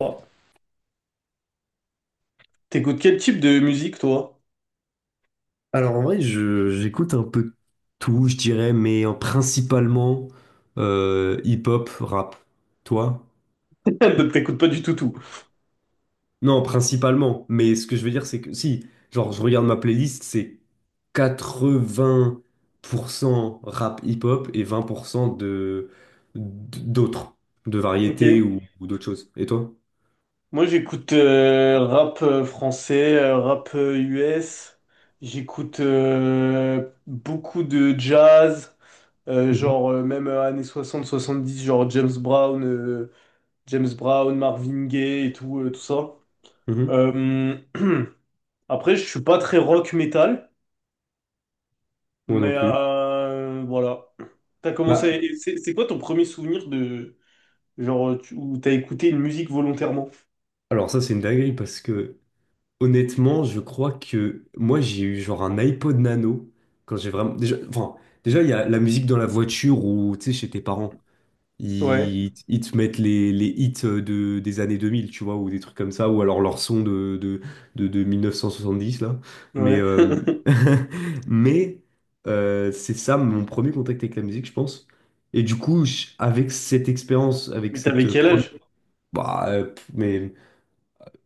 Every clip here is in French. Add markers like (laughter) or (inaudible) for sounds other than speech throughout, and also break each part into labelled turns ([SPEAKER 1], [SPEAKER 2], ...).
[SPEAKER 1] Oh, t'écoutes quel type de musique, toi?
[SPEAKER 2] Alors en vrai, j'écoute un peu tout, je dirais, mais principalement hip-hop, rap. Toi?
[SPEAKER 1] (laughs) T'écoutes pas du tout tout.
[SPEAKER 2] Non, principalement. Mais ce que je veux dire, c'est que si, genre, je regarde ma playlist, c'est 80% rap hip-hop et 20% de d'autres, de
[SPEAKER 1] Ok.
[SPEAKER 2] variétés ou d'autres choses. Et toi?
[SPEAKER 1] Moi, j'écoute rap français, rap US. J'écoute beaucoup de jazz,
[SPEAKER 2] Mhm,
[SPEAKER 1] genre même années 60 70, genre James Brown, James Brown, Marvin Gaye et tout, tout ça.
[SPEAKER 2] mhm.
[SPEAKER 1] Euh, (clears throat) Après, je suis pas très rock metal,
[SPEAKER 2] Moi non
[SPEAKER 1] mais
[SPEAKER 2] plus.
[SPEAKER 1] voilà. T'as
[SPEAKER 2] Bah,
[SPEAKER 1] commencé. C'est quoi ton premier souvenir de genre, tu, où t'as écouté une musique volontairement.
[SPEAKER 2] alors ça, c'est une dinguerie parce que honnêtement, je crois que moi j'ai eu genre un iPod Nano quand j'ai vraiment déjà, enfin, déjà il y a la musique dans la voiture ou tu sais chez tes parents,
[SPEAKER 1] Ouais,
[SPEAKER 2] ils te mettent les hits, de des années 2000, tu vois, ou des trucs comme ça, ou alors leur son de 1970 là, mais
[SPEAKER 1] ouais. (laughs)
[SPEAKER 2] (laughs) mais c'est ça mon premier contact avec la musique, je pense. Et du coup avec cette expérience, avec
[SPEAKER 1] Mais
[SPEAKER 2] cette
[SPEAKER 1] t'avais quel
[SPEAKER 2] première,
[SPEAKER 1] âge?
[SPEAKER 2] mais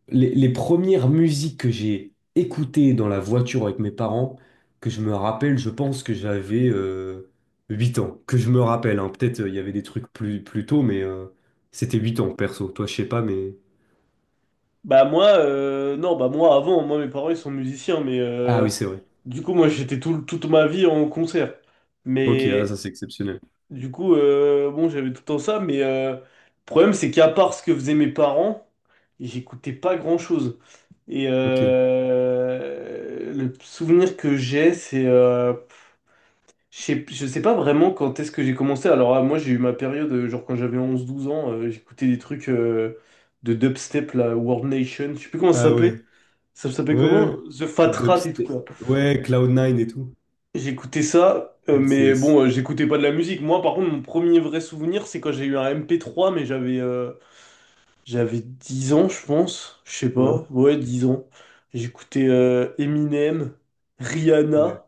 [SPEAKER 2] les premières musiques que j'ai écoutées dans la voiture avec mes parents, que je me rappelle, je pense que j'avais 8 ans. Que je me rappelle, hein. Peut-être, il y avait des trucs plus tôt, mais c'était 8 ans perso. Toi, je sais pas, mais.
[SPEAKER 1] Bah moi, non, bah moi avant, moi mes parents ils sont musiciens, mais
[SPEAKER 2] Ah oui, c'est vrai.
[SPEAKER 1] du coup moi j'étais toute ma vie en concert.
[SPEAKER 2] Ok, ah,
[SPEAKER 1] Mais
[SPEAKER 2] ça c'est exceptionnel.
[SPEAKER 1] du coup, bon j'avais tout le temps ça, mais le problème c'est qu'à part ce que faisaient mes parents, j'écoutais pas grand-chose. Et
[SPEAKER 2] Ok.
[SPEAKER 1] le souvenir que j'ai, c'est... je sais pas vraiment quand est-ce que j'ai commencé. Alors, ah, moi, j'ai eu ma période, genre quand j'avais 11 12 ans, j'écoutais des trucs de dubstep, la World Nation, je sais plus comment ça
[SPEAKER 2] Ah
[SPEAKER 1] s'appelait.
[SPEAKER 2] ouais.
[SPEAKER 1] Ça
[SPEAKER 2] Ouais.
[SPEAKER 1] s'appelait
[SPEAKER 2] Ouais.
[SPEAKER 1] comment? The Fat Rat et tout,
[SPEAKER 2] Dubstep.
[SPEAKER 1] là.
[SPEAKER 2] Ouais, cloud nine et tout.
[SPEAKER 1] J'écoutais ça, mais
[SPEAKER 2] NCS.
[SPEAKER 1] bon, j'écoutais pas de la musique. Moi, par contre, mon premier vrai souvenir, c'est quand j'ai eu un MP3, mais j'avais 10 ans, je pense. Je sais
[SPEAKER 2] Ouais.
[SPEAKER 1] pas. Ouais, 10 ans. J'écoutais Eminem,
[SPEAKER 2] Ouais.
[SPEAKER 1] Rihanna,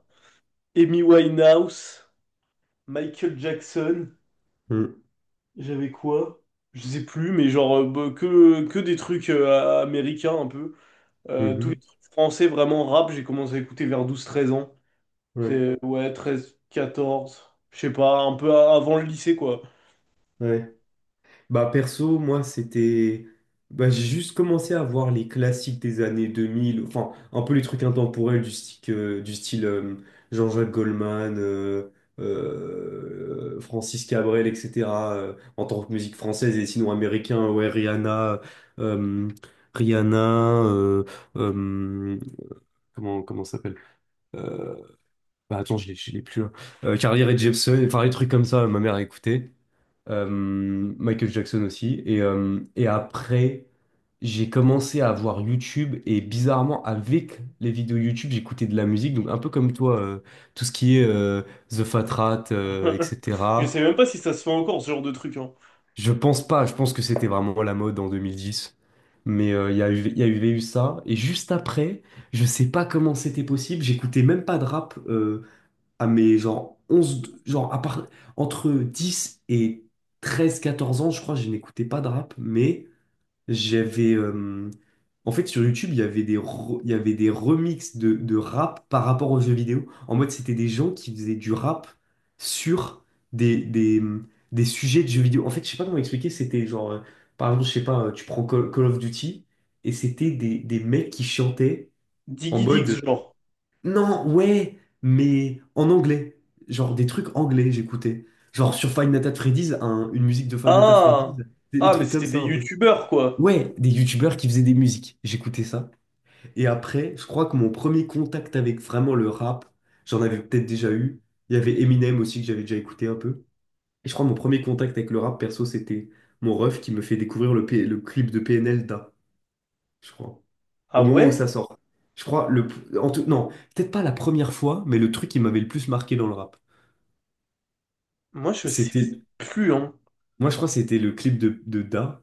[SPEAKER 1] Amy Winehouse, Michael Jackson.
[SPEAKER 2] Mm.
[SPEAKER 1] J'avais quoi? Je sais plus, mais bah, que des trucs américains un peu. Tous les
[SPEAKER 2] Mhm.
[SPEAKER 1] trucs français, vraiment rap, j'ai commencé à écouter vers 12 13 ans.
[SPEAKER 2] Ouais.
[SPEAKER 1] C'est, ouais, 13 14 je sais pas, un peu avant le lycée, quoi.
[SPEAKER 2] Ouais. Bah perso, moi c'était. Bah, j'ai juste commencé à voir les classiques des années 2000, enfin un peu les trucs intemporels du style Jean-Jacques Goldman, Francis Cabrel, etc. En tant que musique française et sinon américain, ouais, euh, Rihanna, euh, comment ça s'appelle? Euh, bah attends, je l'ai plus là. Carly Rae Jepsen, enfin les trucs comme ça, ma mère écoutait euh, Michael Jackson aussi. Et après, j'ai commencé à voir YouTube et bizarrement, avec les vidéos YouTube, j'écoutais de la musique. Donc un peu comme toi, tout ce qui est The Fat Rat,
[SPEAKER 1] (laughs) Je
[SPEAKER 2] etc.
[SPEAKER 1] sais même pas si ça se fait encore, ce genre de truc, hein.
[SPEAKER 2] Je pense pas, je pense que c'était vraiment la mode en 2010. Mais il y a eu ça. Et juste après, je sais pas comment c'était possible, j'écoutais même pas de rap, à mes genre onze, genre à part, entre 10 et 13 14 ans, je crois, je n'écoutais pas de rap, mais j'avais. En fait, sur YouTube, il y avait des remixes de rap par rapport aux jeux vidéo. En mode, c'était des gens qui faisaient du rap sur des, des, des sujets de jeux vidéo. En fait, je sais pas comment expliquer, c'était genre, par exemple, je sais pas, tu prends Call of Duty, et c'était des mecs qui chantaient en
[SPEAKER 1] Diggy Diggs,
[SPEAKER 2] mode.
[SPEAKER 1] genre.
[SPEAKER 2] Non, ouais, mais en anglais. Genre des trucs anglais, j'écoutais. Genre sur Five Nights at Freddy's, une musique de Five Nights at Freddy's,
[SPEAKER 1] Ah!
[SPEAKER 2] des
[SPEAKER 1] Ah, mais
[SPEAKER 2] trucs comme
[SPEAKER 1] c'était des
[SPEAKER 2] ça un peu.
[SPEAKER 1] youtubeurs, quoi.
[SPEAKER 2] Ouais, des youtubeurs qui faisaient des musiques. J'écoutais ça. Et après, je crois que mon premier contact avec vraiment le rap, j'en avais peut-être déjà eu. Il y avait Eminem aussi que j'avais déjà écouté un peu. Et je crois que mon premier contact avec le rap perso, c'était mon ref qui me fait découvrir le clip de PNL Da, je crois,
[SPEAKER 1] Ah
[SPEAKER 2] au moment où
[SPEAKER 1] ouais?
[SPEAKER 2] ça sort. Je crois, le, en tout, non, peut-être pas la première fois, mais le truc qui m'avait le plus marqué dans le rap,
[SPEAKER 1] Moi, je sais
[SPEAKER 2] c'était
[SPEAKER 1] plus, hein.
[SPEAKER 2] moi, je crois que c'était le clip de Da.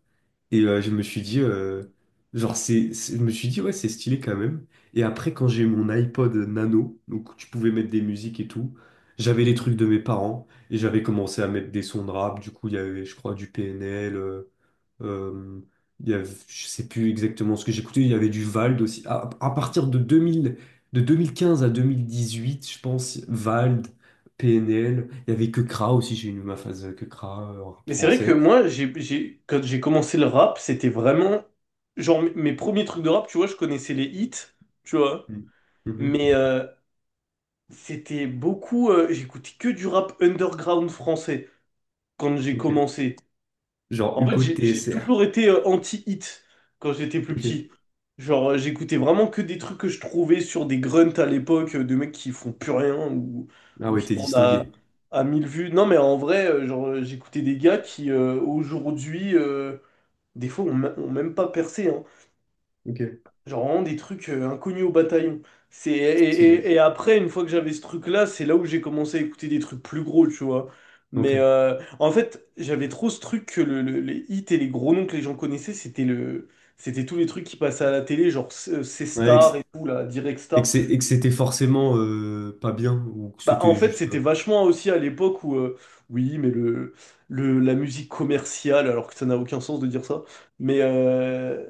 [SPEAKER 2] Et je me suis dit, genre, je me suis dit, ouais, c'est stylé quand même. Et après, quand j'ai mon iPod Nano, donc tu pouvais mettre des musiques et tout, j'avais les trucs de mes parents et j'avais commencé à mettre des sons de rap. Du coup, il y avait, je crois, du PNL. Euh, il y avait, je sais plus exactement ce que j'écoutais. Il y avait du Vald aussi. À partir de 2015 à 2018, je pense, Vald. PNL. Il y avait que Kra aussi, j'ai eu ma phase que Kra en rap
[SPEAKER 1] Mais c'est vrai que
[SPEAKER 2] français.
[SPEAKER 1] moi, j'ai, quand j'ai commencé le rap, c'était vraiment... Genre, mes premiers trucs de rap, tu vois, je connaissais les hits, tu vois.
[SPEAKER 2] Mm. Mhm.
[SPEAKER 1] Mais c'était beaucoup... j'écoutais que du rap underground français quand j'ai
[SPEAKER 2] Ok.
[SPEAKER 1] commencé.
[SPEAKER 2] Genre
[SPEAKER 1] En fait,
[SPEAKER 2] Hugo
[SPEAKER 1] j'ai
[SPEAKER 2] TSR.
[SPEAKER 1] toujours été anti-hit quand j'étais plus
[SPEAKER 2] Ok.
[SPEAKER 1] petit. Genre, j'écoutais vraiment que des trucs que je trouvais sur des grunts à l'époque, de mecs qui font plus rien ou,
[SPEAKER 2] Ah
[SPEAKER 1] ou
[SPEAKER 2] ouais,
[SPEAKER 1] qui
[SPEAKER 2] t'es
[SPEAKER 1] tournent
[SPEAKER 2] distingué.
[SPEAKER 1] à 1000 vues. Non, mais en vrai, genre, j'écoutais des gars qui, aujourd'hui... des fois, on n'a même pas percé, hein.
[SPEAKER 2] Ok.
[SPEAKER 1] Genre vraiment des trucs inconnus au bataillon.
[SPEAKER 2] Stylé.
[SPEAKER 1] Et après, une fois que j'avais ce truc-là, c'est là où j'ai commencé à écouter des trucs plus gros, tu vois. Mais
[SPEAKER 2] Ok.
[SPEAKER 1] en fait, j'avais trop ce truc que les hits et les gros noms que les gens connaissaient, c'était tous les trucs qui passaient à la télé, genre
[SPEAKER 2] Ouais, et que
[SPEAKER 1] C-Star et tout, là, Direct
[SPEAKER 2] et que
[SPEAKER 1] Star.
[SPEAKER 2] c'est- et que c'était forcément pas bien ou que
[SPEAKER 1] Bah, en
[SPEAKER 2] c'était
[SPEAKER 1] fait,
[SPEAKER 2] juste.
[SPEAKER 1] c'était vachement aussi à l'époque où, oui, mais la musique commerciale, alors que ça n'a aucun sens de dire ça, mais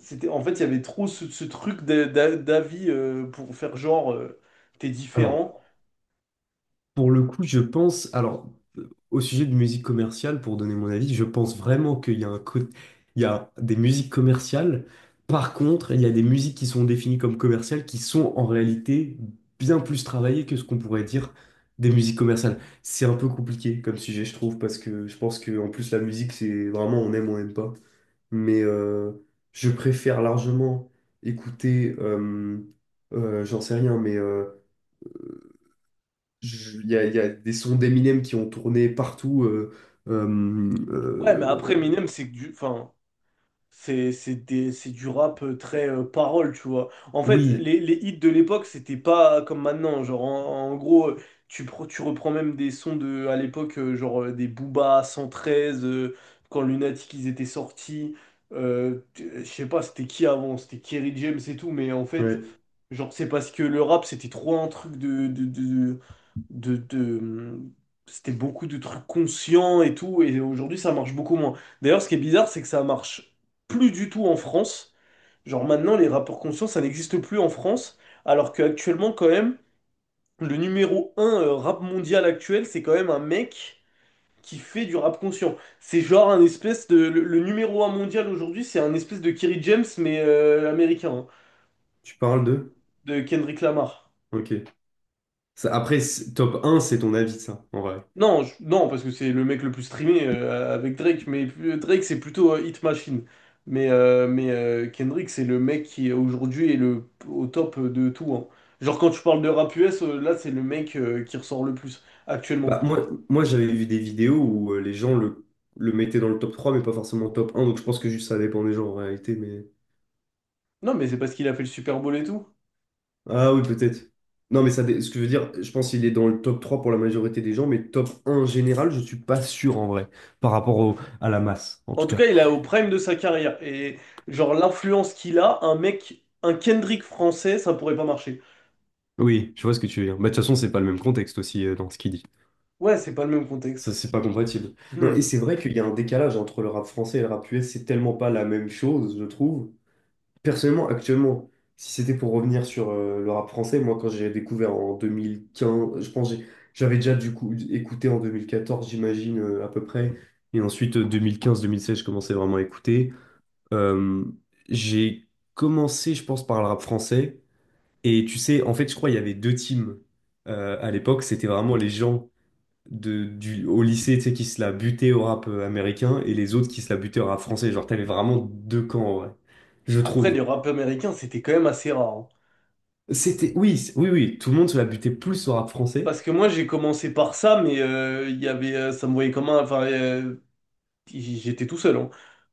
[SPEAKER 1] c'était, en fait, il y avait trop ce truc d'avis pour faire genre, t'es
[SPEAKER 2] Alors.
[SPEAKER 1] différent.
[SPEAKER 2] Pour le coup, je pense, alors, au sujet de musique commerciale, pour donner mon avis, je pense vraiment qu'il y a un côté, il y a des musiques commerciales. Par contre, il y a des musiques qui sont définies comme commerciales qui sont en réalité bien plus travaillées que ce qu'on pourrait dire des musiques commerciales. C'est un peu compliqué comme sujet, je trouve, parce que je pense que en plus la musique, c'est vraiment on aime, on n'aime pas. Mais je préfère largement écouter, j'en sais rien, mais il y a des sons d'Eminem qui ont tourné partout. Euh,
[SPEAKER 1] Ouais, mais après,
[SPEAKER 2] euh,
[SPEAKER 1] Eminem, c'est que du, enfin, c'est du rap très parole, tu vois. En fait,
[SPEAKER 2] Oui,
[SPEAKER 1] les hits de l'époque, c'était pas comme maintenant. Genre, en gros, tu, tu reprends même des sons de, à l'époque, des Booba 113, quand Lunatic, ils étaient sortis. Je sais pas, c'était qui avant? C'était Kerry James et tout, mais en fait,
[SPEAKER 2] ouais.
[SPEAKER 1] genre, c'est parce que le rap, c'était trop un truc de c'était beaucoup de trucs conscients et tout, et aujourd'hui, ça marche beaucoup moins. D'ailleurs, ce qui est bizarre, c'est que ça marche plus du tout en France. Genre, maintenant, les rappeurs conscients, ça n'existe plus en France, alors qu'actuellement, quand même, le numéro un rap mondial actuel, c'est quand même un mec qui fait du rap conscient. C'est genre un espèce de... le numéro un mondial aujourd'hui, c'est un espèce de Kerry James, mais américain, hein,
[SPEAKER 2] Tu parles de?
[SPEAKER 1] de Kendrick Lamar.
[SPEAKER 2] Ok. Ça, après, top un c'est ton avis, ça, en vrai.
[SPEAKER 1] Non, parce que c'est le mec le plus streamé avec Drake, mais Drake c'est plutôt Hit Machine. Mais Kendrick c'est le mec qui aujourd'hui est le, au top de tout, hein. Genre quand tu parles de rap US, là c'est le mec qui ressort le plus actuellement.
[SPEAKER 2] Bah, moi j'avais vu des vidéos où les gens le mettaient dans le top 3 mais pas forcément top un, donc je pense que juste ça dépend des gens en réalité. Mais.
[SPEAKER 1] Non, mais c'est parce qu'il a fait le Super Bowl et tout.
[SPEAKER 2] Ah oui, peut-être. Non, mais ça, ce que je veux dire, je pense qu'il est dans le top 3 pour la majorité des gens, mais top un général, je suis pas sûr en vrai, par rapport à la masse, en
[SPEAKER 1] En
[SPEAKER 2] tout
[SPEAKER 1] tout
[SPEAKER 2] cas.
[SPEAKER 1] cas, il est au prime de sa carrière. Et genre l'influence qu'il a, un mec, un Kendrick français, ça pourrait pas marcher.
[SPEAKER 2] Oui, je vois ce que tu veux dire. Bah, de toute façon, c'est pas le même contexte aussi, dans ce qu'il dit.
[SPEAKER 1] Ouais, c'est pas le même
[SPEAKER 2] Ça,
[SPEAKER 1] contexte.
[SPEAKER 2] c'est pas compatible. Non, et
[SPEAKER 1] Hmm.
[SPEAKER 2] c'est vrai qu'il y a un décalage entre le rap français et le rap US, c'est tellement pas la même chose, je trouve. Personnellement, actuellement, si c'était pour revenir sur le rap français, moi, quand j'ai découvert en 2015, je pense que j'avais déjà du coup écouté en 2014, j'imagine, à peu près. Et ensuite, 2015-2016, je commençais vraiment à écouter. Euh, j'ai commencé, je pense, par le rap français. Et tu sais, en fait, je crois qu'il y avait deux teams, à l'époque. C'était vraiment les gens au lycée, tu sais, qui se la butaient au rap américain et les autres qui se la butaient au rap français. Genre, t'avais vraiment deux camps, en vrai, je
[SPEAKER 1] Après, les
[SPEAKER 2] trouve.
[SPEAKER 1] rap américains, c'était quand même assez rare, hein.
[SPEAKER 2] Oui, oui, oui, tout le monde se la butait plus au rap français.
[SPEAKER 1] Parce que moi j'ai commencé par ça, mais il y avait, ça me voyait comme un, enfin, j'étais tout seul, hein.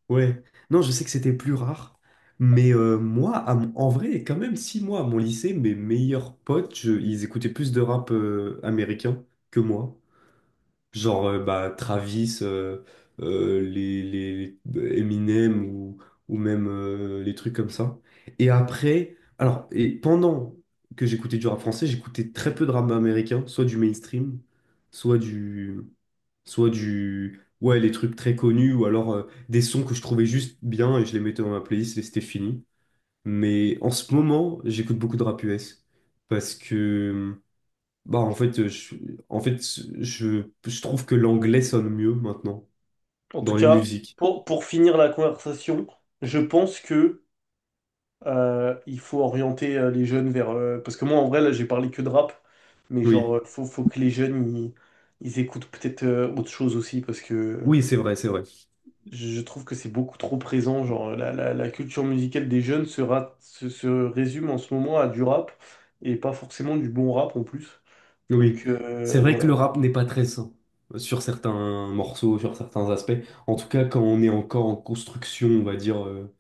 [SPEAKER 2] Ouais. Non, je sais que c'était plus rare. Mais moi, en vrai, quand même, si moi, à mon lycée, mes meilleurs potes, ils écoutaient plus de rap américain que moi. Genre, bah, Travis, les Eminem ou même les trucs comme ça. Et après, alors, et pendant que j'écoutais du rap français, j'écoutais très peu de rap américain, soit du mainstream, soit du, ouais, les trucs très connus, ou alors des sons que je trouvais juste bien et je les mettais dans ma playlist et c'était fini. Mais en ce moment, j'écoute beaucoup de rap US parce que bah, en fait, en fait, je trouve que l'anglais sonne mieux maintenant
[SPEAKER 1] En tout
[SPEAKER 2] dans les
[SPEAKER 1] cas,
[SPEAKER 2] musiques.
[SPEAKER 1] pour finir la conversation, je pense que il faut orienter les jeunes vers, parce que moi en vrai là j'ai parlé que de rap, mais
[SPEAKER 2] Oui,
[SPEAKER 1] faut, faut que les jeunes ils écoutent peut-être autre chose aussi, parce que
[SPEAKER 2] oui, c'est vrai, c'est vrai.
[SPEAKER 1] je trouve que c'est beaucoup trop présent. Genre la culture musicale des jeunes se, ra- se se résume en ce moment à du rap et pas forcément du bon rap en plus. Donc
[SPEAKER 2] Oui, c'est vrai que le
[SPEAKER 1] voilà.
[SPEAKER 2] rap n'est pas très sain, sur certains morceaux, sur certains aspects. En tout cas, quand on est encore en construction, on va dire.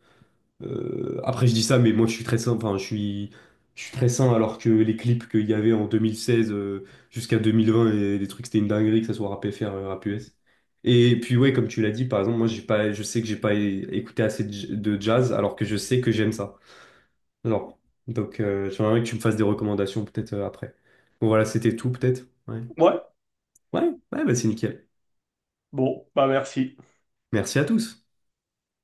[SPEAKER 2] Après, je dis ça, mais moi, je suis très sain. Enfin, je suis très sain alors que les clips qu'il y avait en 2016, jusqu'à 2020 et les trucs, c'était une dinguerie, que ça soit rap FR, rap US. Et puis, ouais, comme tu l'as dit, par exemple, moi, j'ai pas, je sais que j'ai pas écouté assez de de jazz alors que je sais que j'aime ça. Alors, donc, j'aimerais que tu me fasses des recommandations peut-être, après. Bon, voilà, c'était tout peut-être. Ouais,
[SPEAKER 1] Ouais,
[SPEAKER 2] ouais, ouais, bah, c'est nickel.
[SPEAKER 1] bon, bah merci.
[SPEAKER 2] Merci à tous.